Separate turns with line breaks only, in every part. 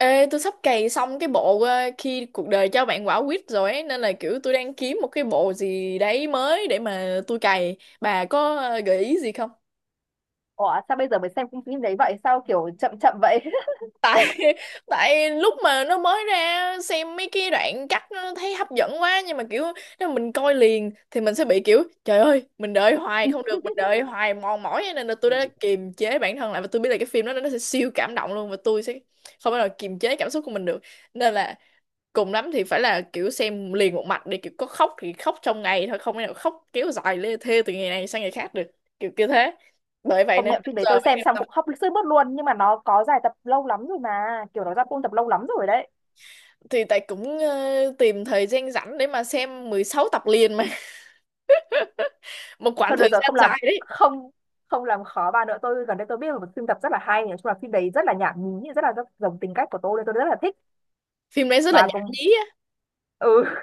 Ê, tôi sắp cày xong cái bộ khi cuộc đời cho bạn quả quýt rồi ấy, nên là kiểu tôi đang kiếm một cái bộ gì đấy mới để mà tôi cày. Bà có gợi ý gì không?
Ủa, sao bây giờ mới xem phim phim đấy vậy? Sao kiểu chậm chậm vậy?
Tại tại lúc mà nó mới ra xem mấy cái đoạn cắt nó thấy hấp dẫn quá nhưng mà kiểu nếu mà mình coi liền thì mình sẽ bị kiểu trời ơi, mình đợi hoài không được, mình đợi hoài mòn mỏi ấy, nên là tôi đã kiềm chế bản thân lại và tôi biết là cái phim đó nó sẽ siêu cảm động luôn và tôi sẽ không bao giờ kiềm chế cảm xúc của mình được. Nên là cùng lắm thì phải là kiểu xem liền một mạch để kiểu có khóc thì khóc trong ngày thôi không thể nào khóc kéo dài lê thê từ ngày này sang ngày khác được kiểu kiểu thế, bởi vậy
Công
nên
nhận
bây
phim đấy
giờ
tôi
mới
xem
xem
xong
xong.
cũng khóc sướt mướt luôn, nhưng mà nó có dài tập lâu lắm rồi mà, kiểu nó ra full tập lâu lắm rồi đấy.
Thì tại cũng tìm thời gian rảnh để mà xem 16 tập liền mà. Một khoảng
Thôi được
thời
rồi,
gian
không làm,
dài đấy.
không, không làm khó bà nữa. Tôi gần đây tôi biết là một phim tập rất là hay. Nói chung là phim đấy rất là nhảm nhí, rất là rất giống tính cách của tôi nên tôi rất là thích.
Phim đấy rất là
Bà
nhảm
cũng?
nhí á?
Ừ.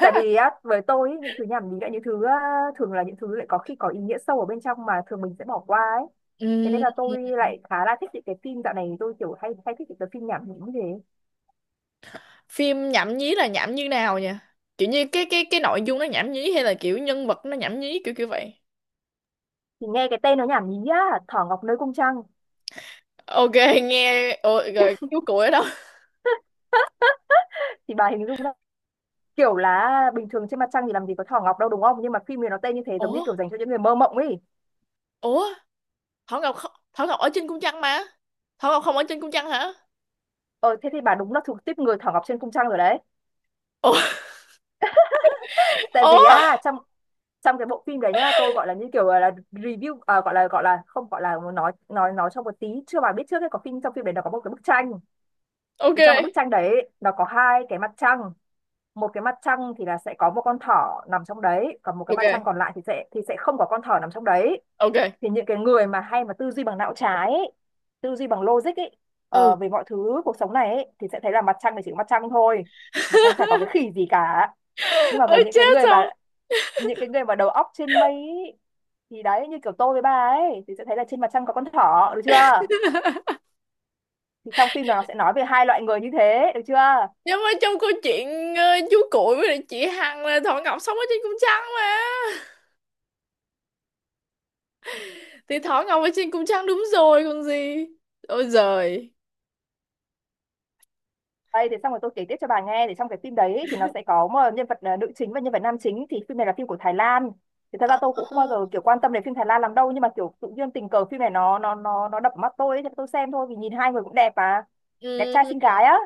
Tại vì á, với tôi ý, những thứ nhảm nhí là những thứ á, thường là những thứ lại có khi có ý nghĩa sâu ở bên trong mà thường mình sẽ bỏ qua ấy. Thế nên
Ừm,
là tôi lại khá là thích những cái phim, dạo này tôi kiểu hay hay thích những cái phim nhảm nhí như thế.
Phim nhảm nhí là nhảm như nào nhỉ? Kiểu như cái nội dung nó nhảm nhí hay là kiểu nhân vật nó nhảm nhí, kiểu kiểu vậy?
Thì nghe cái tên nó nhảm nhí á, Thỏ Ngọc nơi cung trăng.
Ok. Nghe rồi chú cụ ở đâu?
Thì bà hình dung ra, kiểu là bình thường trên mặt trăng thì làm gì có Thỏ Ngọc đâu, đúng không? Nhưng mà phim này nó tên như thế, giống như
Ủa.
kiểu dành cho những người mơ mộng ấy.
Ủa. Thỏ Ngọc, không, Thỏ Ngọc ở trên cung trăng mà. Thỏ Ngọc không ở trên cung trăng hả?
Ờ Thế thì bà đúng là thuộc tiếp người Thỏ Ngọc trên cung trăng rồi đấy.
Ủa.
Tại vì
Ủa?
á, trong trong cái bộ phim đấy nhá, tôi gọi là như kiểu là review à, gọi là không, gọi là muốn nói trong một tí, chưa bà biết trước ấy. Có phim, trong phim đấy nó có một cái bức tranh,
Ok.
thì trong cái bức tranh đấy nó có hai cái mặt trăng. Một cái mặt trăng thì là sẽ có một con thỏ nằm trong đấy, còn một cái mặt trăng
Ok.
còn lại thì sẽ không có con thỏ nằm trong đấy.
Ok.
Thì những cái người mà hay mà tư duy bằng não trái ấy, tư duy bằng logic ấy,
Ừ.
về mọi thứ cuộc sống này ấy, thì sẽ thấy là mặt trăng thì chỉ có mặt trăng thôi, mặt trăng chả có cái khỉ gì cả. Nhưng mà với
Ôi
những cái
chết
người mà
rồi.
những cái người mà đầu óc trên mây ấy, thì đấy, như kiểu tôi với bà ấy, thì sẽ thấy là trên mặt trăng có con thỏ, được chưa? Thì trong phim là nó sẽ nói về hai loại người như thế, được chưa?
Nhưng mà trong câu chuyện ờ, chú Cuội với lại chị Hằng là Thỏ Ngọc sống ở trên cung trăng mà. Thì Thỏ Ngọc ở trên cung trăng đúng rồi còn gì. Ôi giời.
Đây, thì xong rồi tôi kể tiếp cho bà nghe. Thì trong cái phim đấy thì nó sẽ có một nhân vật nữ chính và nhân vật nam chính. Thì phim này là phim của Thái Lan. Thì thật ra
Ờ.
tôi cũng không bao giờ kiểu quan tâm đến phim Thái Lan lắm đâu, nhưng mà kiểu tự nhiên tình cờ phim này nó đập vào mắt tôi ấy, thì tôi xem thôi vì nhìn hai người cũng đẹp mà, đẹp trai
Ừ.
xinh gái á.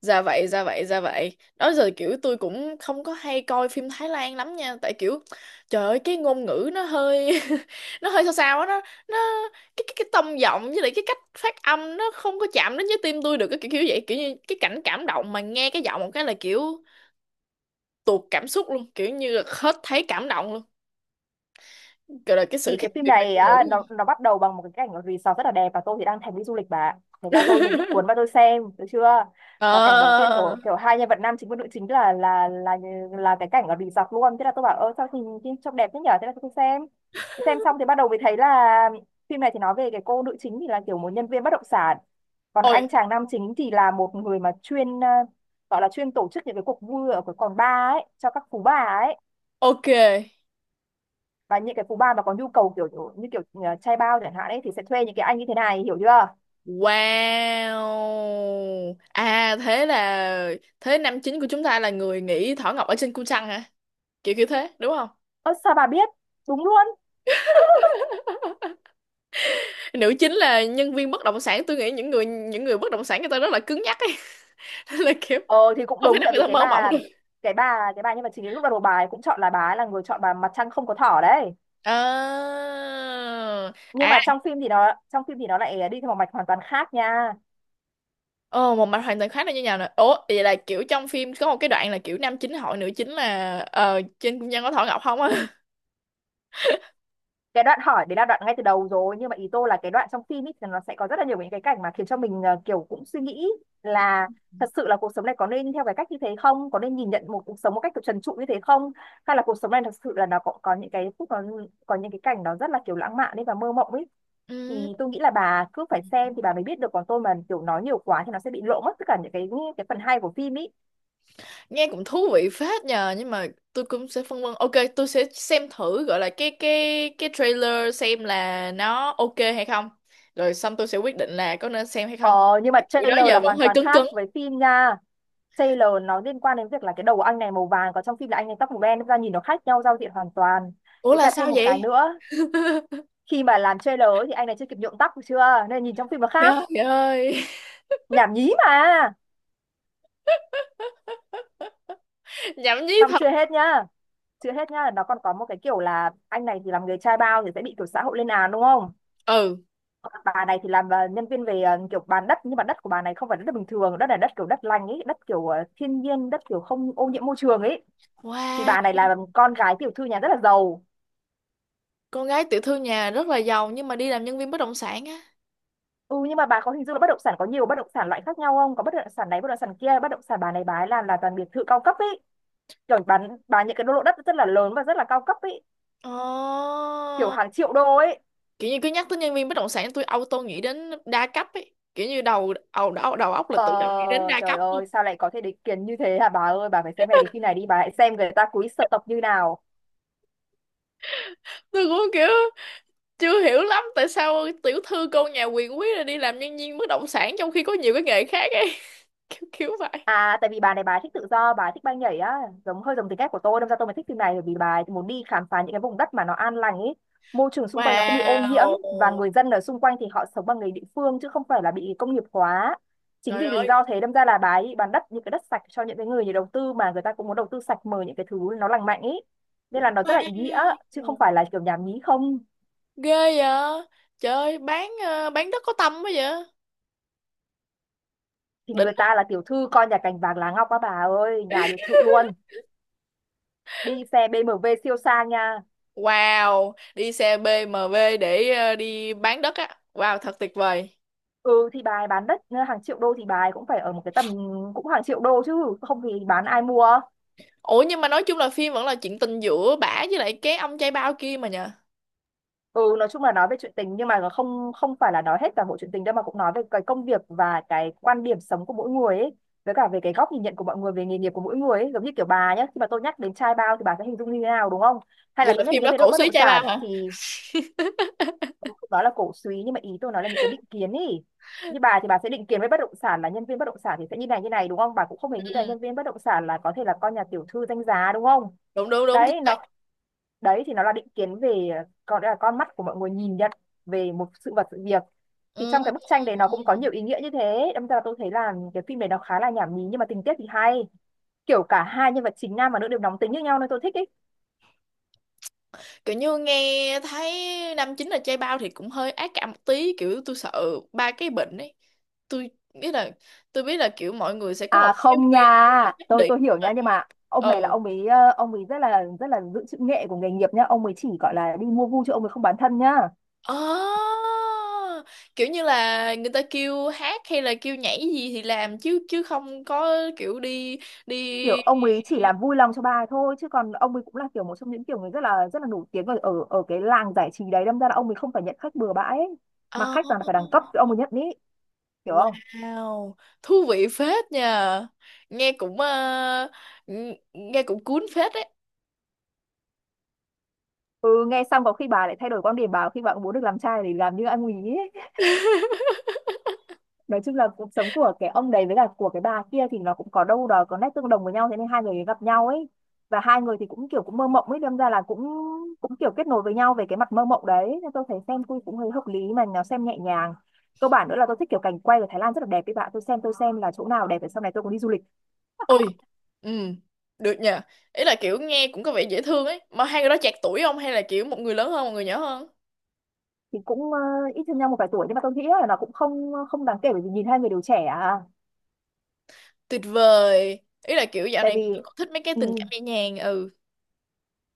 Dạ vậy, dạ vậy, dạ vậy. Đó giờ kiểu tôi cũng không có hay coi phim Thái Lan lắm nha, tại kiểu trời ơi cái ngôn ngữ nó hơi nó hơi sao sao á, nó cái tông giọng với lại cái cách phát âm nó không có chạm đến với tim tôi được cái kiểu, kiểu vậy, kiểu như cái cảnh cảm động mà nghe cái giọng một cái là kiểu tuột cảm xúc luôn, kiểu như là hết thấy cảm động luôn. Kiểu là cái sự
Thì
khác
cái phim
biệt về
này
ngôn ngữ
á, nó
này.
nó bắt đầu bằng một cái cảnh ở resort rất là đẹp, và tôi thì đang thèm đi du lịch bà ạ. Thế là mình bị cuốn vào, tôi xem được chưa. Và cảnh đầu tiên
Ờ.
kiểu kiểu hai nhân vật nam chính và nữ chính là cái cảnh ở resort luôn. Thế là tôi bảo, ơ sao nhìn nhìn trông đẹp thế nhở. Thế là tôi xem xong thì bắt đầu mới thấy là phim này thì nói về cái cô nữ chính thì là kiểu một nhân viên bất động sản, còn
Ôi.
anh chàng nam chính thì là một người mà chuyên gọi là chuyên tổ chức những cái cuộc vui ở cái quán bar ấy cho các phú bà ấy.
Ok.
Và những cái phú bà mà có nhu cầu kiểu như trai bao chẳng hạn ấy, thì sẽ thuê những cái anh như thế này, hiểu chưa?
Wow. À thế là thế nam chính của chúng ta là người nghỉ Thỏ Ngọc ở trên cung trăng hả? Kiểu kiểu thế, đúng không?
Ơ sao bà biết? Đúng luôn.
Nữ chính là nhân viên bất động sản, tôi nghĩ những người bất động sản người ta rất là cứng nhắc ấy. Nên là kiểu
Ờ thì cũng
không thể
đúng,
nào
tại
người
vì
ta
cái
mơ mộng
bà
được.
cái bà cái bà nhưng mà chính ấy, lúc đầu bà ấy cũng chọn, là bà ấy là người chọn bà mặt trăng không có thỏ đấy.
À.
Nhưng
À.
mà trong phim thì nó lại đi theo một mạch hoàn toàn khác nha.
Ồ, một mạch hoàn toàn khác là như nào nè? Ủa, vậy là kiểu trong phim có một cái đoạn là kiểu nam chính hỏi nữ chính là ờ trên cung trăng có Thỏ Ngọc không á?
Cái đoạn hỏi đấy là đoạn ngay từ đầu rồi, nhưng mà ý tôi là cái đoạn trong phim ấy thì nó sẽ có rất là nhiều những cái cảnh mà khiến cho mình kiểu cũng suy nghĩ là thật sự là cuộc sống này có nên theo cái cách như thế không, có nên nhìn nhận một cuộc sống một cách kiểu trần trụi như thế không, hay là cuộc sống này thật sự là nó có những cái phút nó có những cái cảnh nó rất là kiểu lãng mạn đấy và mơ mộng ấy. Thì
Ừ.
tôi nghĩ là bà cứ phải xem thì bà mới biết được, còn tôi mà kiểu nói nhiều quá thì nó sẽ bị lộ mất tất cả những cái phần hay của phim ý.
Nghe cũng thú vị phết nhờ, nhưng mà tôi cũng sẽ phân vân. Ok, tôi sẽ xem thử gọi là cái cái trailer xem là nó ok hay không, rồi xong tôi sẽ quyết định là có nên xem hay không.
Ờ, nhưng mà
Bữa đó
trailer là
giờ vẫn
hoàn
hơi
toàn
cứng cứng.
khác với phim nha. Trailer nó liên quan đến việc là cái đầu của anh này màu vàng, còn trong phim là anh này tóc màu đen, ra nhìn nó khác nhau giao diện hoàn toàn.
Ủa
Với
là
cả thêm
sao
một cái
vậy?
nữa, khi mà làm trailer ấy thì anh này chưa kịp nhuộm tóc được chưa, nên nhìn trong phim nó khác.
Trời ơi.
Nhảm nhí mà.
Nhảm nhí
Xong
thật.
chưa hết nhá. Chưa hết nhá, nó còn có một cái kiểu là anh này thì làm người trai bao thì sẽ bị kiểu xã hội lên án, đúng không?
Ừ.
Bà này thì làm nhân viên về kiểu bán đất, nhưng mà đất của bà này không phải đất bình thường, đất là đất kiểu đất lành ấy, đất kiểu thiên nhiên, đất kiểu không ô nhiễm môi trường ấy. Thì
Wow.
bà này là con gái tiểu thư nhà rất là giàu.
Con gái tiểu thư nhà rất là giàu nhưng mà đi làm nhân viên bất động sản á?
Ừ, nhưng mà bà có hình dung là bất động sản có nhiều bất động sản loại khác nhau không, có bất động sản này, bất động sản kia, bất động sản bà này bà ấy làm là toàn biệt thự cao cấp ấy, kiểu bán bà những cái lô đất rất là lớn và rất là cao cấp ấy,
Ồ,
kiểu hàng triệu đô ấy.
kiểu như cứ nhắc tới nhân viên bất động sản tôi auto nghĩ đến đa cấp ấy, kiểu như đầu óc là
ờ
tự động nghĩ đến đa
Trời
cấp.
ơi sao lại có thể định kiến như thế hả bà ơi, bà phải xem ngay cái phim này đi, bà hãy xem người ta cúi sợ tộc như nào.
Tôi cũng kiểu chưa hiểu lắm tại sao tiểu thư cô nhà quyền quý lại đi làm nhân viên bất động sản trong khi có nhiều cái nghề khác ấy. Kiểu kiểu vậy.
À tại vì bà này bà ấy thích tự do, bà ấy thích bay nhảy á, hơi giống tính cách của tôi, đâm ra tôi mới thích phim này, bởi vì bà ấy muốn đi khám phá những cái vùng đất mà nó an lành ấy, môi trường xung quanh nó không bị ô nhiễm
Wow,
và người dân ở xung quanh thì họ sống bằng nghề địa phương chứ không phải là bị công nghiệp hóa. Chính
trời
vì lý
ơi,
do thế, đâm ra là bà ấy bán đất, những cái đất sạch cho những cái người nhà đầu tư mà người ta cũng muốn đầu tư sạch, mời những cái thứ nó lành mạnh ấy. Nên là nó rất là ý nghĩa chứ không
wow.
phải là kiểu nhảm nhí không.
Ghê vậy. Trời ơi, bán bán đất có tâm quá vậy.
Thì
Đỉnh.
người ta là tiểu thư coi nhà cành vàng lá ngọc á bà ơi, nhà biệt thự luôn. Đi xe BMW siêu sang nha.
Wow, đi xe BMW để đi bán đất á. Wow, thật tuyệt vời.
Ừ thì bà ấy bán đất hàng triệu đô thì bà ấy cũng phải ở một cái tầm cũng hàng triệu đô, chứ không thì bán ai mua?
Ủa nhưng mà nói chung là phim vẫn là chuyện tình giữa bả với lại cái ông trai bao kia mà nhờ.
Ừ, nói chung là nói về chuyện tình, nhưng mà không không phải là nói hết toàn bộ chuyện tình đâu, mà cũng nói về cái công việc và cái quan điểm sống của mỗi người ấy, với cả về cái góc nhìn nhận của mọi người về nghề nghiệp của mỗi người ấy. Giống như kiểu bà nhé, khi mà tôi nhắc đến trai bao thì bà sẽ hình dung như thế nào, đúng không? Hay là
Vậy
tôi
là
nhắc đến
phim
nhân
đó
viên
cổ
bất
súy
động
trai
sản
bao hả?
thì đó là cổ súy? Nhưng mà ý tôi nói là những cái định kiến ý. Như bà thì bà sẽ định kiến với bất động sản là nhân viên bất động sản thì sẽ như này như này, đúng không? Bà cũng không hề nghĩ là
Ừ.
nhân viên bất động sản là có thể là con nhà tiểu thư danh giá, đúng không?
Đúng đúng đúng chính
Đấy
xác.
nó, đấy thì nó là định kiến về, còn là con mắt của mọi người nhìn nhận về một sự vật sự việc. Thì
Ừ.
trong cái bức tranh đấy nó cũng có nhiều ý nghĩa như thế, đâm ra tôi thấy là cái phim này nó khá là nhảm nhí, nhưng mà tình tiết thì hay. Kiểu cả hai nhân vật chính nam và nữ đều nóng tính như nhau nên tôi thích ý.
Kiểu như nghe thấy năm chín là chay bao thì cũng hơi ác cảm một tí, kiểu tôi sợ ba cái bệnh ấy. Tôi biết là tôi biết là kiểu mọi người sẽ có
À
một cái
không nha,
viên nó nhất
tôi
định
tôi hiểu
nhưng mà
nha, nhưng
kiểu-
mà ông này là
Ừ.
ông ấy ông ấy rất là giữ chữ nghệ của nghề nghiệp nhá, ông ấy chỉ gọi là đi mua vui chứ ông ấy không bán thân nhá.
Ờ, kiểu như là người ta kêu hát hay là kêu nhảy gì thì làm chứ, chứ không có kiểu đi
Kiểu
đi
ông ấy chỉ làm vui lòng cho bà ấy thôi, chứ còn ông ấy cũng là kiểu một trong những kiểu người rất là nổi tiếng ở ở cái làng giải trí đấy, đâm ra là ông ấy không phải nhận khách bừa bãi ấy. Mà
Ờ.
khách toàn là phải đẳng cấp thì ông ấy nhận ý, hiểu không?
Wow, thú vị phết nha. Nghe cũng nghe cũng cuốn phết đấy.
Ừ, nghe xong có khi bà lại thay đổi quan điểm bà, khi bà cũng muốn được làm trai thì làm như anh ấy. Nói chung là cuộc sống của cái ông đấy với cả của cái bà kia thì nó cũng có đâu đó có nét tương đồng với nhau, thế nên hai người gặp nhau ấy. Và hai người thì cũng kiểu cũng mơ mộng ấy, đâm ra là cũng cũng kiểu kết nối với nhau về cái mặt mơ mộng đấy, nên tôi thấy xem cũng cũng hơi hợp lý mà nó xem nhẹ nhàng. Cơ bản nữa là tôi thích kiểu cảnh quay của Thái Lan rất là đẹp ấy, bạn tôi xem, tôi xem là chỗ nào đẹp để sau này tôi cũng đi du lịch.
Ôi. Ừ. Được nhờ. Ý là kiểu nghe cũng có vẻ dễ thương ấy. Mà hai người đó chạc tuổi không? Hay là kiểu một người lớn hơn, một người nhỏ hơn?
Thì cũng ít hơn nhau một vài tuổi, nhưng mà tôi nghĩ là nó cũng không không đáng kể, bởi vì nhìn hai người đều trẻ à.
Tuyệt vời. Ý là kiểu dạo
Tại
này
vì
tôi cũng thích mấy cái
ừ,
tình cảm nhẹ nhàng. Ừ.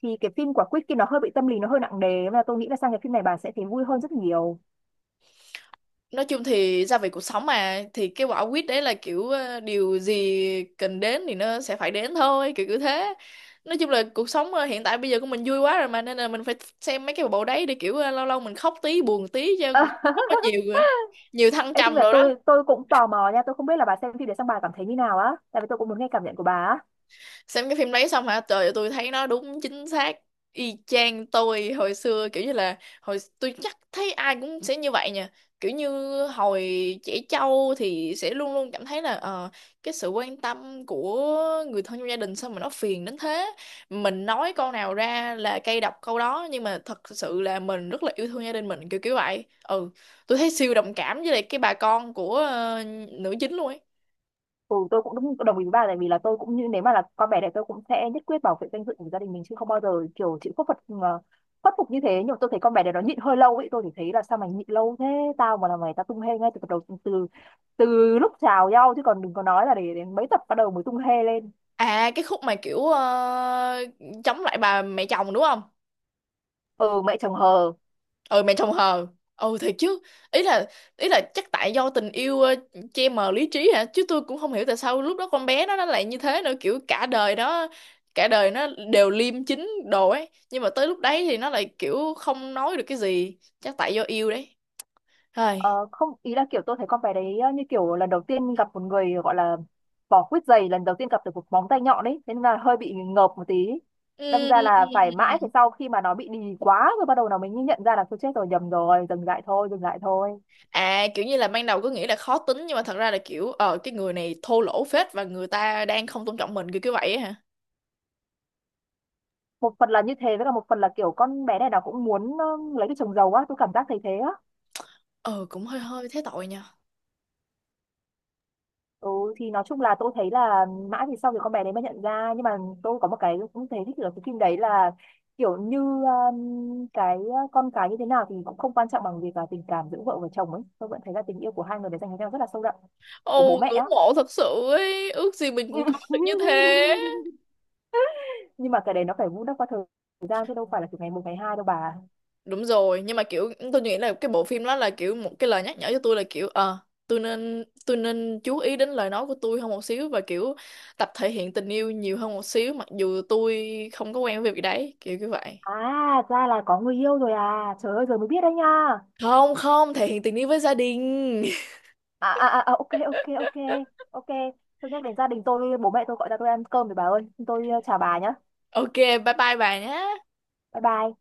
thì cái phim của Quýt kia nó hơi bị tâm lý, nó hơi nặng nề, nên là tôi nghĩ là sang cái phim này bà sẽ thấy vui hơn rất nhiều.
Nói chung thì gia vị cuộc sống mà. Thì cái quả quýt đấy là kiểu điều gì cần đến thì nó sẽ phải đến thôi. Kiểu kiểu thế. Nói chung là cuộc sống hiện tại bây giờ của mình vui quá rồi mà. Nên là mình phải xem mấy cái bộ đấy để kiểu lâu lâu mình khóc tí, buồn tí cho
Ờ,
cuộc sống nó nhiều nhiều thăng
Ê, tính
trầm
là
rồi đó.
tôi cũng tò mò nha, tôi không biết là bà xem phim để xong bà cảm thấy như nào á, tại vì tôi cũng muốn nghe cảm nhận của bà á.
Xem cái phim đấy xong hả? Trời ơi, tôi thấy nó đúng chính xác y chang tôi hồi xưa, kiểu như là hồi tôi chắc thấy ai cũng sẽ như vậy nha, kiểu như hồi trẻ trâu thì sẽ luôn luôn cảm thấy là cái sự quan tâm của người thân trong gia đình sao mà nó phiền đến thế, mình nói câu nào ra là cay độc câu đó nhưng mà thật sự là mình rất là yêu thương gia đình mình, kiểu kiểu vậy. Ừ, tôi thấy siêu đồng cảm với lại cái bà con của nữ chính luôn ấy.
Ừ, tôi cũng đúng đồng ý với bà, tại vì là tôi cũng như nếu mà là con bé này, tôi cũng sẽ nhất quyết bảo vệ danh dự của gia đình mình, chứ không bao giờ kiểu chịu khuất phục khuất phục như thế. Nhưng mà tôi thấy con bé này nó nhịn hơi lâu ấy, tôi thì thấy là sao mày nhịn lâu thế. Tao mà là mày tao tung hê ngay từ tập đầu, từ từ lúc chào nhau, chứ còn đừng có nói là để đến mấy tập bắt đầu mới tung hê lên.
À cái khúc mà kiểu chống lại bà mẹ chồng đúng không?
Ừ, mẹ chồng hờ.
Ừ mẹ chồng hờ. Ừ thiệt chứ. Ý là ý là chắc tại do tình yêu che mờ lý trí hả? Chứ tôi cũng không hiểu tại sao lúc đó con bé nó lại như thế nữa, kiểu cả đời đó, cả đời nó đều liêm chính đồ ấy, nhưng mà tới lúc đấy thì nó lại kiểu không nói được cái gì, chắc tại do yêu đấy. Thôi.
Ờ, không ý là kiểu tôi thấy con bé đấy như kiểu lần đầu tiên gặp một người gọi là vỏ quýt dày lần đầu tiên gặp được một móng tay nhọn ấy, thế nên là hơi bị ngợp một tí. Đâm ra là phải
Ừm.
mãi phải sau khi mà nó bị đì quá rồi, bắt đầu nó mới nhận ra là tôi chết rồi, nhầm rồi, dừng lại thôi, dừng lại thôi.
À kiểu như là ban đầu cứ nghĩ là khó tính nhưng mà thật ra là kiểu ờ cái người này thô lỗ phết và người ta đang không tôn trọng mình, kiểu kiểu vậy á hả?
Một phần là như thế, với cả một phần là kiểu con bé này nó cũng muốn lấy cái chồng giàu á, tôi cảm giác thấy thế á.
Ờ cũng hơi hơi thế tội nha.
Ừ, thì nói chung là tôi thấy là mãi thì sau thì con bé đấy mới nhận ra, nhưng mà tôi có một cái cũng thấy thích ở cái phim đấy là kiểu như cái con cái như thế nào thì cũng không quan trọng bằng việc là tình cảm giữa vợ và chồng ấy, tôi vẫn thấy là tình yêu của hai người đấy dành cho nhau rất là sâu đậm, của bố
Ồ
mẹ á.
ngưỡng mộ thật sự ấy, ước gì mình cũng có được như thế.
Nhưng mà cái đấy nó phải vun đắp qua thời gian, chứ đâu phải là từ ngày một ngày hai đâu bà.
Đúng rồi, nhưng mà kiểu tôi nghĩ là cái bộ phim đó là kiểu một cái lời nhắc nhở cho tôi là kiểu ờ tôi nên chú ý đến lời nói của tôi hơn một xíu và kiểu tập thể hiện tình yêu nhiều hơn một xíu mặc dù tôi không có quen với việc đấy, kiểu như vậy.
À ra là có người yêu rồi à, trời ơi giờ mới biết đấy nha.
Không không, thể hiện tình yêu với gia đình.
À à à à, ok ok ok, ok. Tôi nhắc đến gia đình tôi, bố mẹ tôi gọi ra tôi ăn cơm rồi. Bà ơi, tôi chào bà nhá.
Ok, bye bye bà nhé.
Bye bye.